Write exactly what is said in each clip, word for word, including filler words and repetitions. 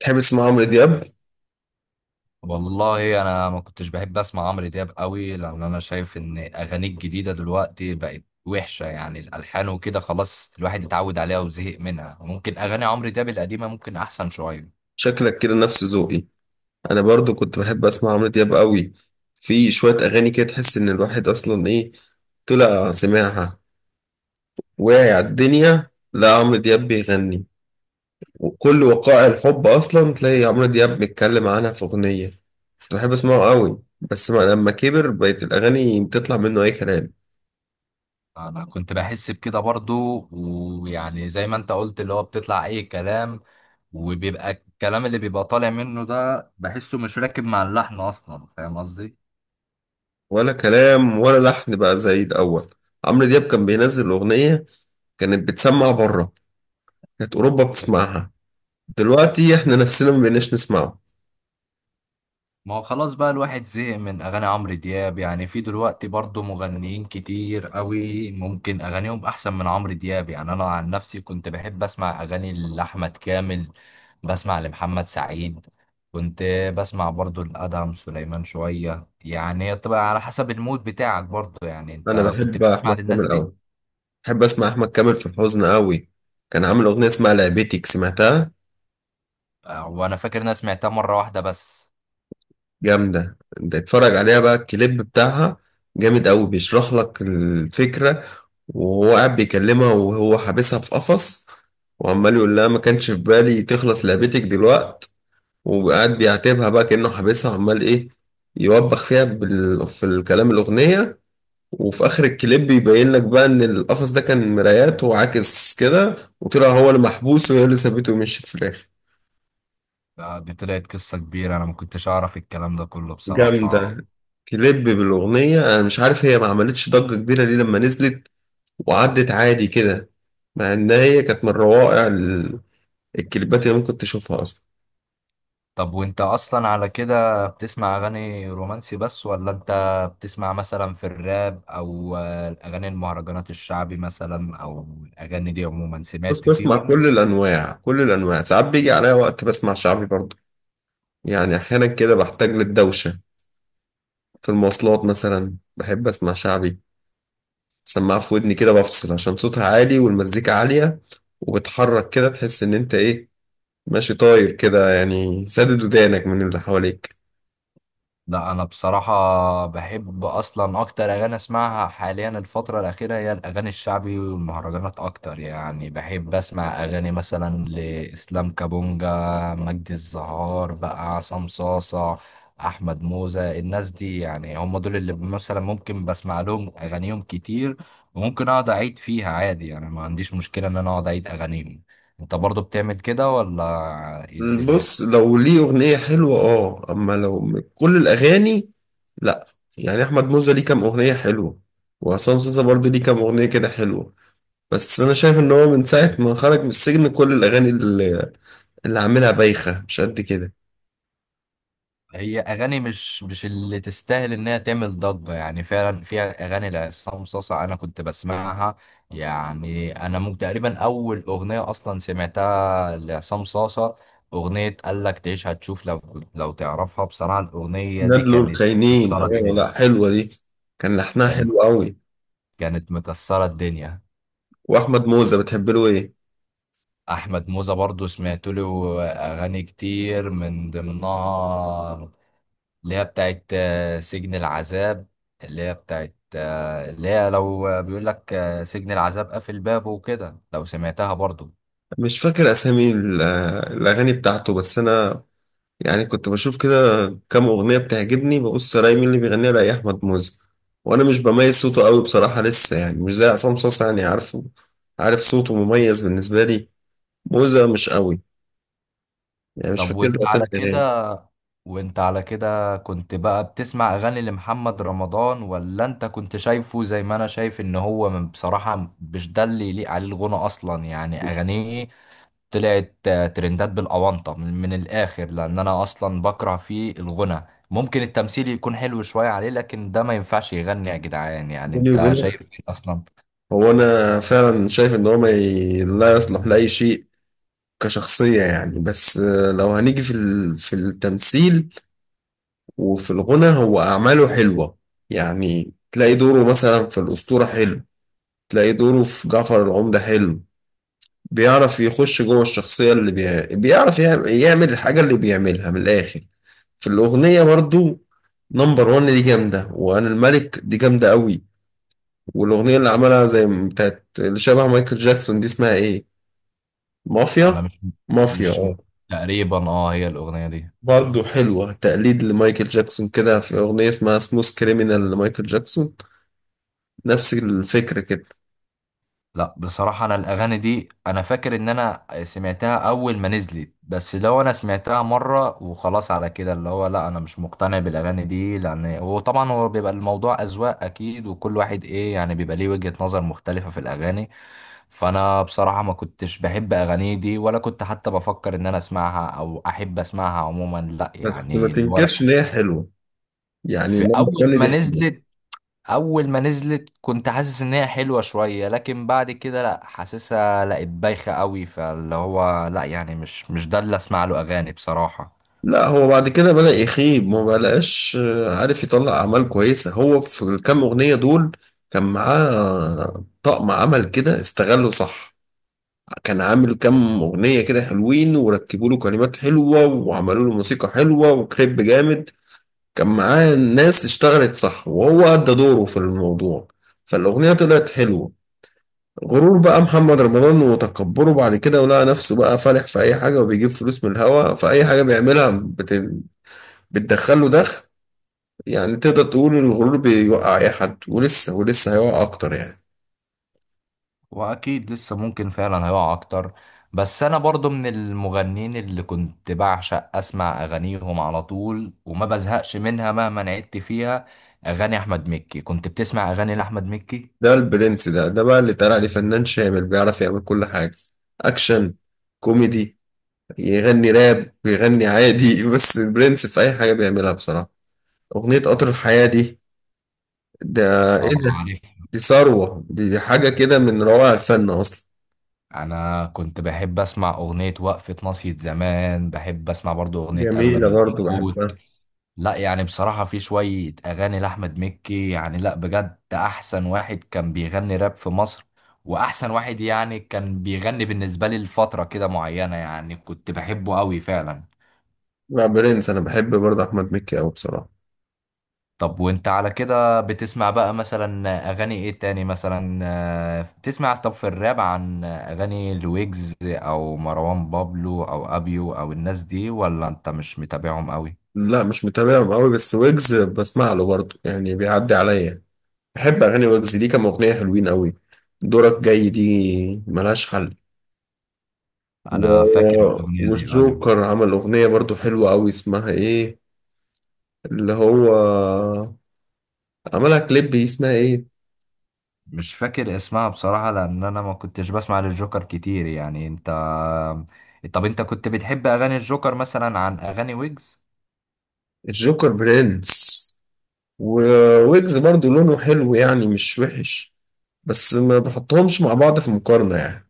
تحب تسمع عمرو دياب؟ والله انا ما كنتش بحب اسمع عمرو دياب قوي، لان انا شايف ان اغانيه الجديده دلوقتي بقت وحشه، يعني الالحان وكده. خلاص الواحد اتعود عليها وزهق منها. ممكن اغاني عمرو دياب القديمه ممكن احسن شويه. شكلك كده نفس ذوقي. انا برضو كنت بحب اسمع عمرو دياب قوي. في شوية اغاني كده تحس ان الواحد اصلا ايه، طلع سماعها واعي على الدنيا لا عمرو دياب بيغني، وكل وقائع الحب اصلا تلاقي عمرو دياب بيتكلم عنها في اغنية. كنت بحب اسمعه قوي، بس ما لما كبر بقت الاغاني بتطلع منه اي كلام. انا كنت بحس بكده برضو، ويعني زي ما انت قلت اللي هو بتطلع اي كلام، وبيبقى الكلام اللي بيبقى طالع منه ده بحسه مش راكب مع اللحن اصلا، فاهم قصدي؟ ولا كلام ولا لحن بقى زي الاول. عمرو دياب كان بينزل اغنية كانت بتسمع بره، كانت اوروبا بتسمعها. دلوقتي احنا نفسنا ما بقيناش نسمعه. ما هو خلاص بقى الواحد زهق من اغاني عمرو دياب، يعني في دلوقتي برضه مغنيين كتير قوي ممكن اغانيهم احسن من عمرو دياب. يعني انا عن نفسي كنت بحب اسمع اغاني لاحمد كامل، بسمع لمحمد سعيد، كنت بسمع برضه لادهم سليمان شويه. يعني هي بتبقى على حسب المود بتاعك برضه. يعني انا انت كنت بحب بتسمع احمد للناس كامل دي؟ قوي، بحب اسمع احمد كامل في الحزن قوي. كان عامل اغنيه اسمها لعبتك، سمعتها؟ آه، وانا فاكر إن انا سمعتها مره واحده بس. جامده. انت اتفرج عليها بقى الكليب بتاعها، جامد قوي، بيشرح لك الفكره. وهو قاعد بيكلمها وهو حابسها في قفص، وعمال يقول لها ما كانش في بالي تخلص لعبتك دلوقت. وقاعد بيعاتبها بقى كأنه حابسها وعمال ايه، يوبخ فيها بال... في الكلام الأغنية. وفي اخر الكليب بيبين لك بقى ان القفص ده كان مرايات وعاكس كده، وطلع هو المحبوس وهي اللي سابته ومشيت في الاخر. آه، دي طلعت قصه كبيره، انا ما كنتش اعرف الكلام ده كله بصراحه. جامدة كليب بالأغنية. أنا مش عارف هي ما عملتش ضجة كبيرة ليه لما نزلت، وعدت عادي كده، مع إن هي كانت من روائع ال- الكليبات اللي ممكن تشوفها أصلا. طب وانت اصلا على كده بتسمع اغاني رومانسي بس، ولا انت بتسمع مثلا في الراب، او آه، الاغاني المهرجانات الشعبي مثلا، او الاغاني دي عموما بس سمعت بسمع فيهم؟ كل الأنواع، كل الأنواع. ساعات بيجي عليا وقت بسمع شعبي برضه. يعني أحيانا كده بحتاج للدوشة. في المواصلات مثلا بحب أسمع شعبي، سماعة في ودني كده بفصل عشان صوتها عالي والمزيكا عالية. وبتحرك كده تحس إن أنت إيه، ماشي طاير كده يعني، سادد ودانك من اللي حواليك. لا، انا بصراحه بحب اصلا اكتر اغاني اسمعها حاليا الفتره الاخيره هي الاغاني الشعبي والمهرجانات اكتر. يعني بحب اسمع اغاني مثلا لاسلام كابونجا، مجدي الزهار بقى، عصام صاصه، احمد موزة. الناس دي يعني هم دول اللي مثلا ممكن بسمع لهم اغانيهم كتير، وممكن اقعد اعيد فيها عادي. يعني ما عنديش مشكله ان انا اقعد اعيد اغانيهم. انت برضو بتعمل كده ولا ايه الدنيا؟ بص، لو ليه أغنية حلوة آه، أما لو م- كل الأغاني لأ. يعني أحمد موزة ليه كام أغنية حلوة، وعصام صاصا برضه ليه كام أغنية كده حلوة. بس أنا شايف إن هو من ساعة ما خرج من السجن كل الأغاني اللي, اللي عاملها بايخة مش قد كده. هي اغاني مش مش اللي تستاهل انها تعمل ضجه. يعني فعلا فيها اغاني لعصام صاصا انا كنت بسمعها. يعني انا ممكن تقريبا اول اغنيه اصلا سمعتها لعصام صاصا اغنيه قال لك تعيش هتشوف، لو لو تعرفها بصراحه الاغنيه دي نادلو كانت الخاينين، آه. مكسره لأ الدنيا. حلوة دي، كان لحنها كانت حلو قوي. كانت مكسره الدنيا. واحمد موزة بتحب له ايه؟ احمد موزة برضو سمعت له اغاني كتير من ضمنها اللي هي بتاعت آه، سجن العذاب، اللي هي بتاعت آه، اللي هي لو آه، بيقول لك آه، سجن العذاب قافل بابه وكده، لو سمعتها برضو. مش فاكر اسامي ال- الاغاني بتاعته، بس انا يعني كنت بشوف كده، كام اغنيه بتعجبني ببص الاقي مين اللي بيغنيها الاقي احمد موزة. وانا مش بميز صوته قوي بصراحه لسه، يعني مش زي عصام صاصا يعني، عارفه عارف صوته مميز بالنسبه لي. موزة مش قوي، يعني مش طب فاكر وانت له اسامي على الاغاني. كده وانت على كده كنت بقى بتسمع اغاني لمحمد رمضان، ولا انت كنت شايفه زي ما انا شايف ان هو من- بصراحة مش ده اللي يليق عليه الغنى اصلا؟ يعني اغانيه طلعت آه، ترندات بالاونطه من, من الاخر، لان انا اصلا بكره فيه الغنى. ممكن التمثيل يكون حلو شويه عليه، لكن ده ما ينفعش يغني يا جدعان. يعني بيني انت وبينك، شايف ايه اصلا؟ هو انا فعلا شايف ان هو ما ي... لا يصلح لاي شيء كشخصيه يعني، بس آه، لو هنيجي في ال... في التمثيل وفي الغنى هو أعماله حلوة. يعني تلاقي دوره مثلا في الأسطورة حلو، تلاقي دوره في جعفر العمدة حلو. بيعرف يخش جوه الشخصية اللي بي... بيعرف يعم- يعمل الحاجة اللي بيعملها من الآخر. في الأغنية برضو، نمبر وان دي جامدة، وأنا الملك دي جامدة قوي. والأغنية اللي عملها زي م- بتاعت اللي شبه مايكل جاكسون دي اسمها إيه؟ مافيا؟ انا مش مافيا، مش اه. م- تقريبا اه هي الاغنيه دي. برضه حلوة، تقليد لمايكل جاكسون كده في أغنية اسمها سموث كريمينال لمايكل جاكسون، نفس الفكرة كده. لا، بصراحة أنا الأغاني دي أنا فاكر إن أنا سمعتها أول ما نزلت، بس لو أنا سمعتها مرة وخلاص، على كده اللي هو لا، أنا مش مقتنع بالأغاني دي. لأن وطبعا هو بيبقى الموضوع أذواق أكيد، وكل واحد إيه يعني بيبقى ليه وجهة نظر مختلفة في الأغاني. فأنا بصراحة ما كنتش بحب أغاني دي، ولا كنت حتى بفكر إن أنا أسمعها أو أحب أسمعها عموما، لا بس ما يعني اللي هو تنكرش ان لا. هي حلوة، يعني في نمبر أول جن ما دي حلوة. نزلت اول ما نزلت كنت حاسس ان هي حلوه شويه، لكن بعد كده لا، حاسسها لقيت بايخه قوي، فاللي هو لا، يعني مش مش ده اللي اسمع له اغاني بصراحه. لا هو بعد كده بدأ يخيب، ما بقاش آه، عارف يطلع أعمال كويسة. هو في الكام أغنية دول كان معاه طقم عمل كده استغله صح. كان عامل كام أغنية كده حلوين، وركبوا له كلمات حلوة وعملوا له موسيقى حلوة وكليب جامد. كان معاه ناس اشتغلت صح وهو أدى دوره في الموضوع، فالأغنية طلعت حلوة. غرور بقى محمد رمضان وتكبره بعد كده، ولقى نفسه بقى فالح في اي حاجه وبيجيب فلوس من الهوا، فاي حاجه بيعملها بت... بتدخل له دخل. يعني تقدر تقول إن الغرور بيوقع اي حد، ولسه ولسه هيوقع اكتر يعني. واكيد لسه ممكن فعلا هيقع اكتر. بس انا برضو من المغنين اللي كنت بعشق اسمع اغانيهم على طول وما بزهقش منها مهما عدت فيها. اغاني احمد مكي، كنت بتسمع اغاني لاحمد مكي؟ ده البرنس، ده ده بقى اللي طلع عليه فنان شامل بيعرف يعمل كل حاجه. اكشن، كوميدي، يغني راب بيغني عادي بس البرنس في اي حاجه بيعملها بصراحه. اغنيه قطر الحياه دي، ده اه، ايه ده، عارف. دي ثروه، دي, دي حاجه كده من روائع الفن اصلا. انا كنت بحب اسمع اغنيه وقفه ناصية زمان، بحب اسمع برضو اغنيه اغلى جميلة من برضو الياقوت. بحبها. لا، يعني بصراحة في شوية أغاني لأحمد مكي، يعني لا بجد أحسن واحد كان بيغني راب في مصر، وأحسن واحد يعني كان بيغني بالنسبة لي لفترة كده معينة. يعني كنت بحبه أوي فعلا. لا برنس، أنا بحب برضو أحمد مكي أوي بصراحة. طب وأنت على كده بتسمع بقى مثلا أغاني إيه تاني مثلا؟ آه، بتسمع طب في الراب عن أغاني لويجز أو مروان بابلو أو أبيو أو الناس دي، ولا أنت مش متابعهم أوي؟ لا مش متابعهم أوي، بس ويجز بسمع له برضو يعني، بيعدي عليا. بحب أغاني ويجز، ليه كام أغنية حلوين أوي. دورك جاي دي ملهاش حل. و... أنا فاكر الأغنية دي، أيوه. والجوكر عمل أغنية برضو حلوة أوي اسمها إيه، اللي هو عملها كليب دي اسمها إيه. مش فاكر اسمها بصراحة لأن أنا ما كنتش بسمع للجوكر كتير. يعني أنت طب أنت كنت بتحب أغاني الجوكر مثلا عن أغاني ويجز؟ الجوكر برنس، وويجز برضو لونه حلو يعني مش وحش، بس ما بحطهمش مع بعض في مقارنة يعني.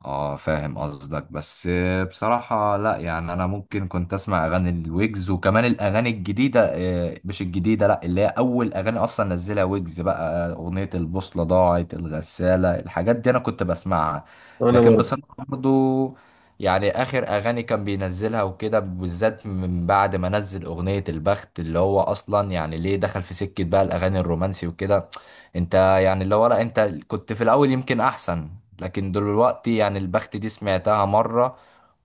اه، فاهم قصدك بس. بصراحة لا، يعني انا ممكن كنت اسمع اغاني الويجز وكمان الاغاني الجديدة، آه، مش الجديدة، لا اللي هي اول اغاني اصلا نزلها ويجز بقى، آه، اغنية البوصلة، ضاعت الغسالة، الحاجات دي انا كنت بسمعها. أنا لكن برضو بصراحة برضو، يعني اخر اغاني كان بينزلها وكده بالذات من بعد ما نزل اغنية البخت اللي هو اصلا، يعني ليه دخل في سكة بقى الاغاني الرومانسي وكده. انت يعني اللي هو لا انت كنت في الاول يمكن احسن، لكن دلوقتي يعني البخت دي سمعتها مرة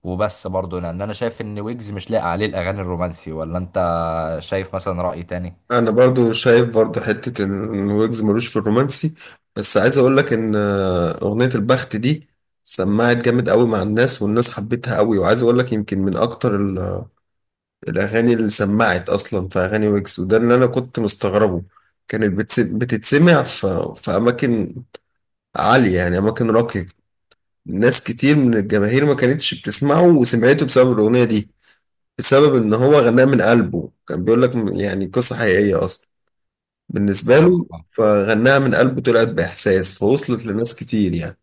وبس برضه، لان انا شايف ان ويجز مش لاقي عليه الاغاني الرومانسي. ولا انت شايف مثلا رأي تاني؟ انا برضو شايف برضو حتة ان ويجز ملوش في الرومانسي. بس عايز اقول لك ان آه، اغنية البخت دي سمعت جامد قوي مع الناس، والناس حبتها قوي. وعايز اقول لك يمكن من اكتر ال- الاغاني اللي سمعت اصلا في اغاني ويجز، وده اللي انا كنت مستغربه. كانت بتس- بتتسمع في في اماكن عالية يعني، اماكن راقية. ناس كتير من الجماهير ما كانتش بتسمعه وسمعته بسبب الاغنية دي، بسبب ان هو غناه من قلبه. كان بيقول لك يعني قصة حقيقية اصلا بالنسبة له، اه. فغناها من قلبه، طلعت بإحساس فوصلت لناس كتير يعني.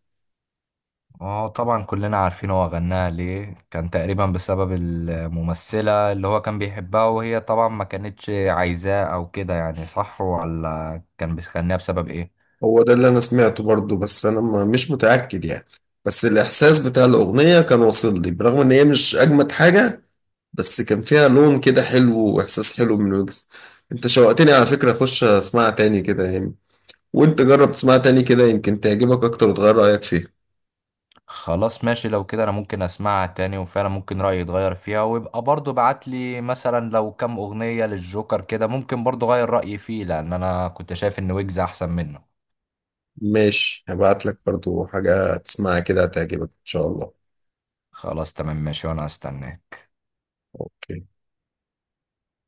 اه، طبعا كلنا عارفين هو غناها ليه، كان تقريبا بسبب الممثلة اللي هو كان بيحبها وهي طبعا ما كانتش عايزاه او كده، يعني صح ولا كان بيغنيها بسبب ايه؟ هو ده اللي أنا سمعته برضه، بس أنا ما- مش متأكد يعني. بس الإحساس بتاع الأغنية كان واصل لي برغم إن هي مش أجمد حاجة، بس كان فيها لون كده حلو وإحساس حلو من ويجز. أنت شوقتني على فكرة أخش أسمعها تاني كده يعني، وأنت جرب تسمعها تاني كده يمكن تعجبك أكتر وتغير رأيك فيها. خلاص ماشي، لو كده انا ممكن اسمعها تاني وفعلا ممكن رأيي يتغير فيها، ويبقى برضو بعت لي مثلا لو كام اغنية للجوكر كده ممكن برضو غير رأيي فيه، لان انا كنت شايف ان ويجز احسن منه. ماشي، هبعت لك برضه حاجة تسمعها كده هتعجبك إن شاء الله. خلاص تمام ماشي وانا هستناه.